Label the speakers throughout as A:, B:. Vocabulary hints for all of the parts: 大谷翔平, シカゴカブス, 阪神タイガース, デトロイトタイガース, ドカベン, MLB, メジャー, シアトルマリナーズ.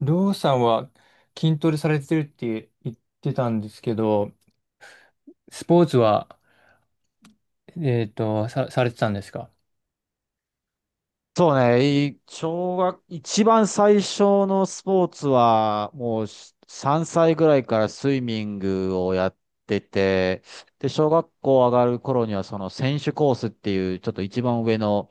A: りょうさんは筋トレされてるって言ってたんですけど、スポーツは、されてたんですか？
B: そうね、い小学、一番最初のスポーツは、もう3歳ぐらいからスイミングをやってて、で、小学校上がる頃には、その選手コースっていう、ちょっと一番上の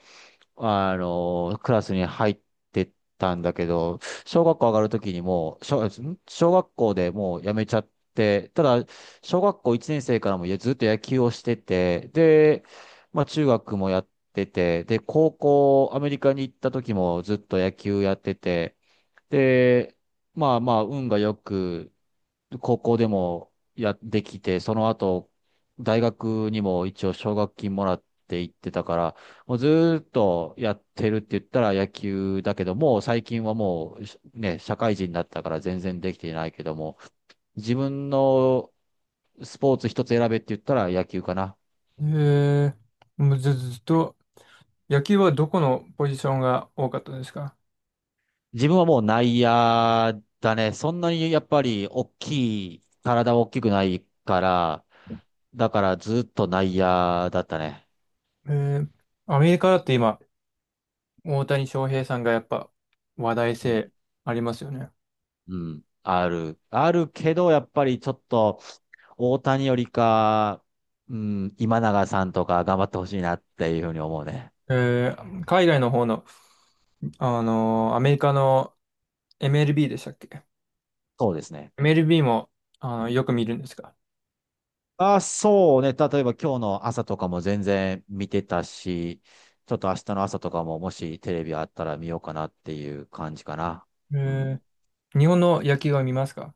B: クラスに入ってったんだけど、小学校上がるときにもう、小学校でもう辞めちゃって、ただ、小学校1年生からもずっと野球をしてて、で、まあ中学もやってて、で、高校アメリカに行った時もずっと野球やってて、で、まあまあ運がよく、高校でもやってきて、その後、大学にも一応奨学金もらって行ってたから、もうずーっとやってるって言ったら野球だけども、最近はもうね、社会人になったから全然できていないけども、自分のスポーツ一つ選べって言ったら野球かな。
A: へえ。もうずっと、野球はどこのポジションが多かったですか？
B: 自分はもう内野だね。そんなにやっぱり大きい、体大きくないから、だからずっと内野だったね。
A: えー、アメリカだって今、大谷翔平さんがやっぱ話題
B: うん
A: 性ありますよね。
B: うん。ある。あるけど、やっぱりちょっと、大谷よりか、うん、今永さんとか頑張ってほしいなっていうふうに思うね。
A: えー、海外の方の、あのーアメリカの MLB でしたっけ？
B: そうですね。
A: MLB も、あの、よく見るんですか？
B: あ、そうね。例えば今日の朝とかも全然見てたし、ちょっと明日の朝とかももしテレビあったら見ようかなっていう感じかな。
A: え
B: うん。
A: ー、日本の野球は見ますか？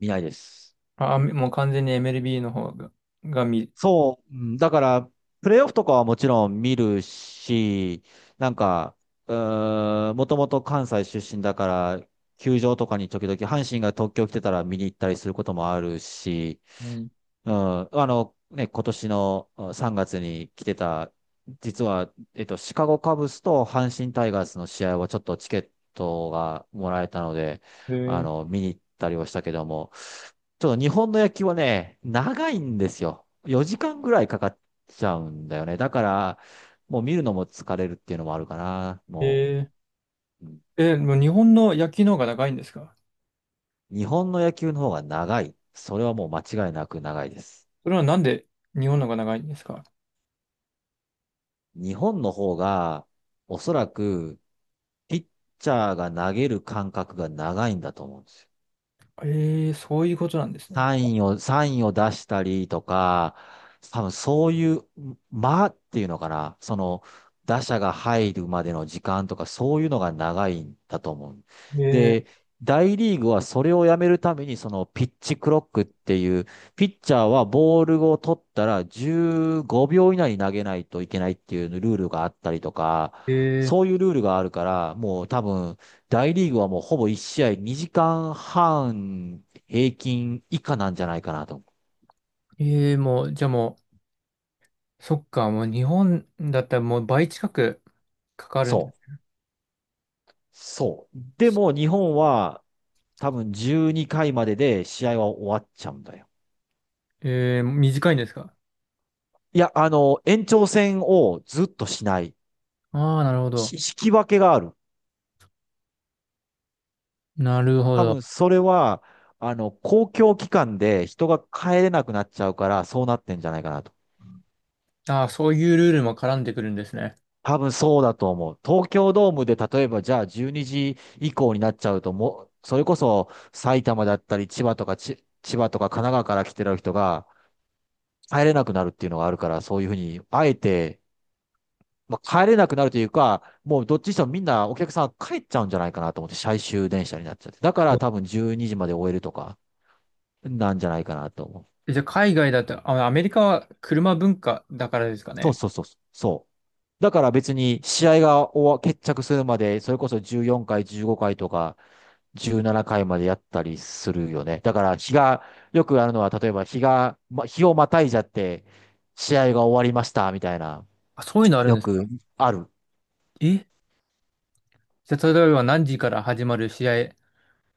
B: 見ないです。
A: あ、もう完全に MLB の方が、が見、
B: そう、うん、だから、プレーオフとかはもちろん見るし、なんか、もともと関西出身だから、球場とかに時々、阪神が東京来てたら見に行ったりすることもあるし、
A: うん。
B: うん、ね、今年の、うん、3月に来てた、実は、シカゴカブスと阪神タイガースの試合はちょっとチケットがもらえたので、見に行ったりはしたけども、ちょっと日本の野球はね、長いんですよ。4時間ぐらいかかっちゃうんだよね。だから、もう見るのも疲れるっていうのもあるかな。
A: えー。
B: も
A: え
B: う、うん、
A: ー、えー、もう日本の野球の方が長いんですか？
B: 日本の野球の方が長い。それはもう間違いなく長いです。
A: それはなんで日本の方が長いんですか？
B: 日本の方が、おそらく、ピッチャーが投げる感覚が長いんだと思うんですよ。
A: えー、そういうことなんですね。
B: サインを出したりとか、多分そういう、間っていうのかな、打者が入るまでの時間とか、そういうのが長いんだと思う。
A: で、
B: で、大リーグはそれをやめるために、そのピッチクロックっていう、ピッチャーはボールを取ったら15秒以内に投げないといけないっていうルールがあったりとか、
A: え
B: そ
A: ー。
B: ういうルールがあるから、もう多分、大リーグはもうほぼ1試合2時間半平均以下なんじゃないかなと思う。
A: えー、もう、そっか、もう日本だったらもう倍近くかかる
B: そ
A: ん。
B: う。そう。でも日本は多分12回までで試合は終わっちゃうんだよ。
A: えー、短いんですか？
B: いや、延長戦をずっとしない。
A: ああー、なるほど。
B: し引き分けがある。
A: なるほ
B: 多
A: ど。
B: 分それは、公共機関で人が帰れなくなっちゃうから、そうなってんじゃないかなと。
A: ああ、そういうルールも絡んでくるんですね。
B: 多分そうだと思う。東京ドームで例えばじゃあ12時以降になっちゃうともう、それこそ埼玉だったり千葉とか神奈川から来てる人が帰れなくなるっていうのがあるから、そういうふうに、あえて、まあ、帰れなくなるというか、もうどっちにしてもみんなお客さん帰っちゃうんじゃないかなと思って、最終電車になっちゃって。だから多分12時まで終えるとか、なんじゃないかなと思う。
A: え、じゃあ海外だと、あ、アメリカは車文化だからですか
B: そう
A: ね。
B: そうそう。そう。だから別に試合が終わ、決着するまで、それこそ14回、15回とか、17回までやったりするよね。だからよくあるのは、例えば日をまたいじゃって、試合が終わりました、みたいな、
A: あ、そういうのあるん
B: よ
A: ですか？
B: くある。
A: え、じゃあ例えば何時から始まる試合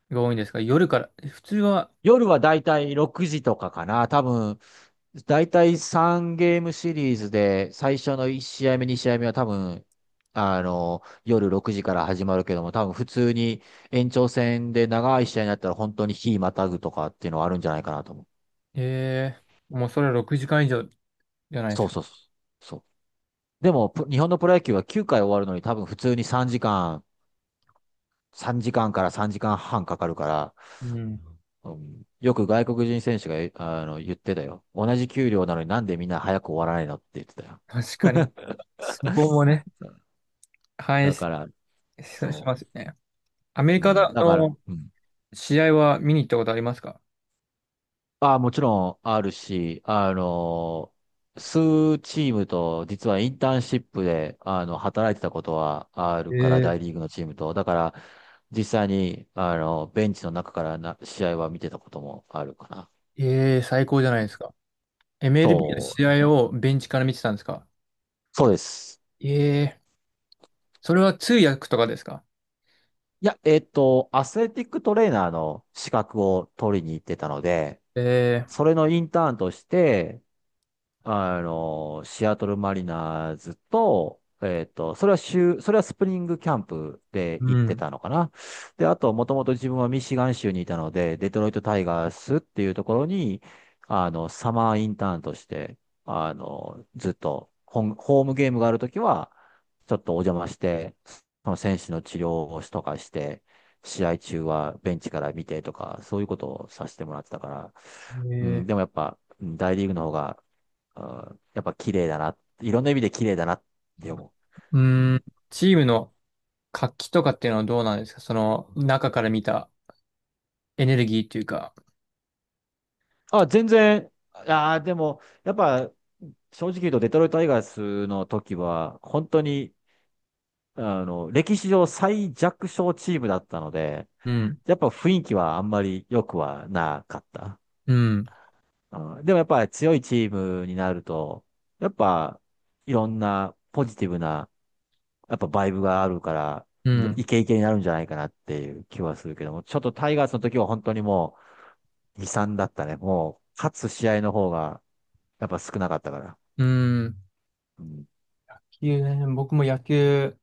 A: が多いんですか？夜から。え、普通は、
B: 夜はだいたい6時とかかな。多分、だいたい3ゲームシリーズで、最初の1試合目、2試合目は多分、夜6時から始まるけども、多分普通に延長戦で長い試合になったら本当に日またぐとかっていうのはあるんじゃないかなと思う。
A: えー、もうそれは6時間以上じゃないで
B: そ
A: す
B: う
A: か。
B: そうそう。そう。でも、日本のプロ野球は9回終わるのに多分普通に3時間、3時間かんから3時間半かかるから、
A: うん。
B: うん、よく外国人選手が、言ってたよ。同じ給料なのになんでみんな早く終わらないのって言ってたよ。
A: 確かに。そこもね、反映
B: だ
A: し、
B: から、
A: しし
B: そ
A: ますよね。アメリ
B: う。う
A: カ
B: ん、
A: だ
B: だから、
A: の
B: うん。
A: 試合は見に行ったことありますか？
B: ああ、もちろんあるし、数チームと、実はインターンシップで、働いてたことはあるから、
A: え
B: 大リーグのチームと。だから、実際に、ベンチの中からな、試合は見てたこともあるかな。
A: ー、えー、最高じゃないですか。MLB の
B: と、
A: 試合をベンチから見てたんですか？
B: そうです。
A: えー、それは通訳とかですか？
B: いや、アスレティックトレーナーの資格を取りに行ってたので、
A: え
B: それのインターンとして、シアトルマリナーズと、それはスプリングキャンプで
A: ー、う
B: 行って
A: ん。
B: たのかな。で、あと、もともと自分はミシガン州にいたので、デトロイトタイガースっていうところに、サマーインターンとして、ずっとホームゲームがあるときは、ちょっとお邪魔して、その選手の治療をしとかして、試合中はベンチから見てとか、そういうことをさせてもらってたから、
A: え
B: うん、
A: ー、
B: でもやっぱ、うん、大リーグの方が、うん、やっぱ綺麗だな。いろんな意味で綺麗だなって思
A: う
B: う。う
A: ーん、
B: ん。
A: チームの活気とかっていうのはどうなんですか、その中から見たエネルギーっていうか。
B: あ、全然、ああ、でも、やっぱ、正直言うと、デトロイト・タイガースの時は、本当に、歴史上最弱小チームだったので、
A: うん、
B: やっぱ雰囲気はあんまり良くはなかった。
A: うん、
B: うん、でもやっぱり強いチームになると、やっぱ、いろんなポジティブな、やっぱバイブがあるから、
A: うん、
B: イケイケになるんじゃないかなっていう気はするけども、ちょっとタイガースの時は本当にも悲惨だったね。もう、勝つ試合の方が、やっぱ少なかったから。
A: うん。野
B: うん。
A: 球ね、僕も野球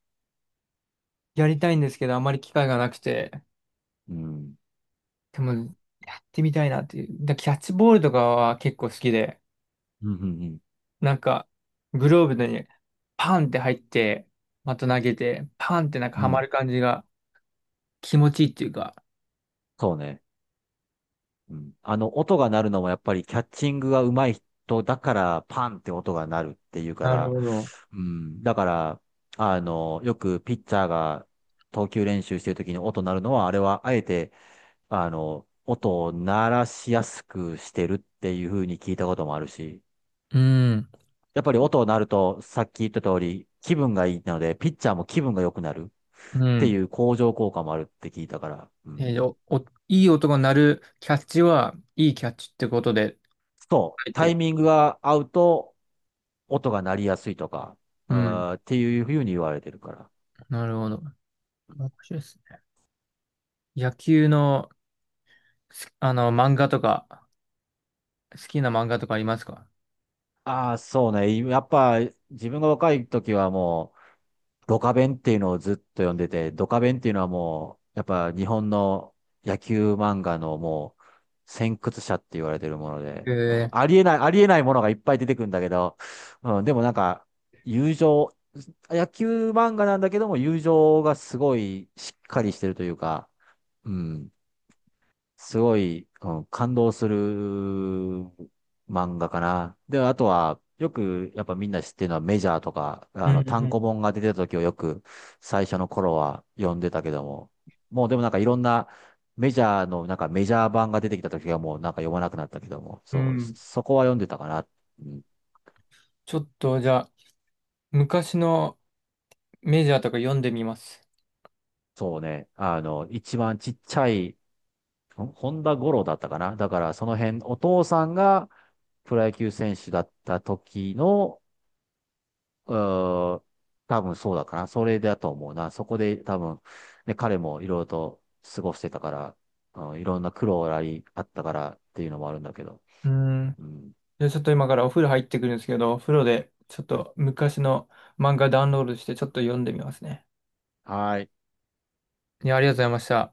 A: やりたいんですけど、あまり機会がなくて、
B: うん。
A: でもやってみたいなっていう。だ、キャッチボールとかは結構好きで、
B: うん。うん。うん
A: なんかグローブにパンって入って、また投げて、パンってなんか
B: う
A: ハマ
B: ん、
A: る感じが気持ちいいっていうか。
B: そうね。うん。音が鳴るのもやっぱりキャッチングが上手い人だから、パンって音が鳴るっていうか
A: なる
B: ら、
A: ほど。
B: うん。だから、よくピッチャーが投球練習してる時に音鳴るのは、あれはあえて、音を鳴らしやすくしてるっていう風に聞いたこともあるし、
A: うん、
B: やっぱり音になると、さっき言った通り、気分がいいので、ピッチャーも気分が良くなる
A: う
B: ってい
A: ん。
B: う向上効果もあるって聞いたから、うん。
A: えーお、お、いい音が鳴るキャッチは、いいキャッチってことで
B: そう、
A: 書い
B: タイ
A: て、
B: ミングが合うと、音が鳴りやすいとか、
A: うん、
B: あーっていうふうに言われてるから。
A: なるほど。面白いですね。野球の、あの、漫画とか、好きな漫画とかありますか？
B: ああ、そうね。やっぱ、自分が若い時はもう、ドカベンっていうのをずっと読んでて、ドカベンっていうのはもう、やっぱ日本の野球漫画のもう、先駆者って言われてるもので、うん、
A: ええ
B: ありえない、ありえないものがいっぱい出てくるんだけど、うん、でもなんか、友情、野球漫画なんだけども、友情がすごいしっかりしてるというか、うん、すごい、うん、感動する漫画かな。で、あとは、よく、やっぱみんな知ってるのはメジャーとか、
A: ー。う
B: 単
A: ん。
B: 行本が出てた時をよく、最初の頃は読んでたけども、もうでもなんかいろんな、メジャーの、なんかメジャー版が出てきた時はもうなんか読まなくなったけども、
A: うん、う
B: そう、
A: ん。
B: そこは読んでたかな。うん、
A: ちょっと、じゃあ、昔のメジャーとか読んでみます。
B: そうね、一番ちっちゃい、本田五郎だったかな。だからその辺、お父さんがプロ野球選手だった時の、うーん、多分そうだかな。それだと思うな。そこで多分、ね、彼もいろいろと過ごしてたから、うん、いろんな苦労があったからっていうのもあるんだけど。
A: うん。
B: うん。
A: じゃあ、ちょっと今からお風呂入ってくるんですけど、お風呂で、ちょっと昔の漫画ダウンロードして、ちょっと読んでみますね。
B: はい。
A: いや、ありがとうございました。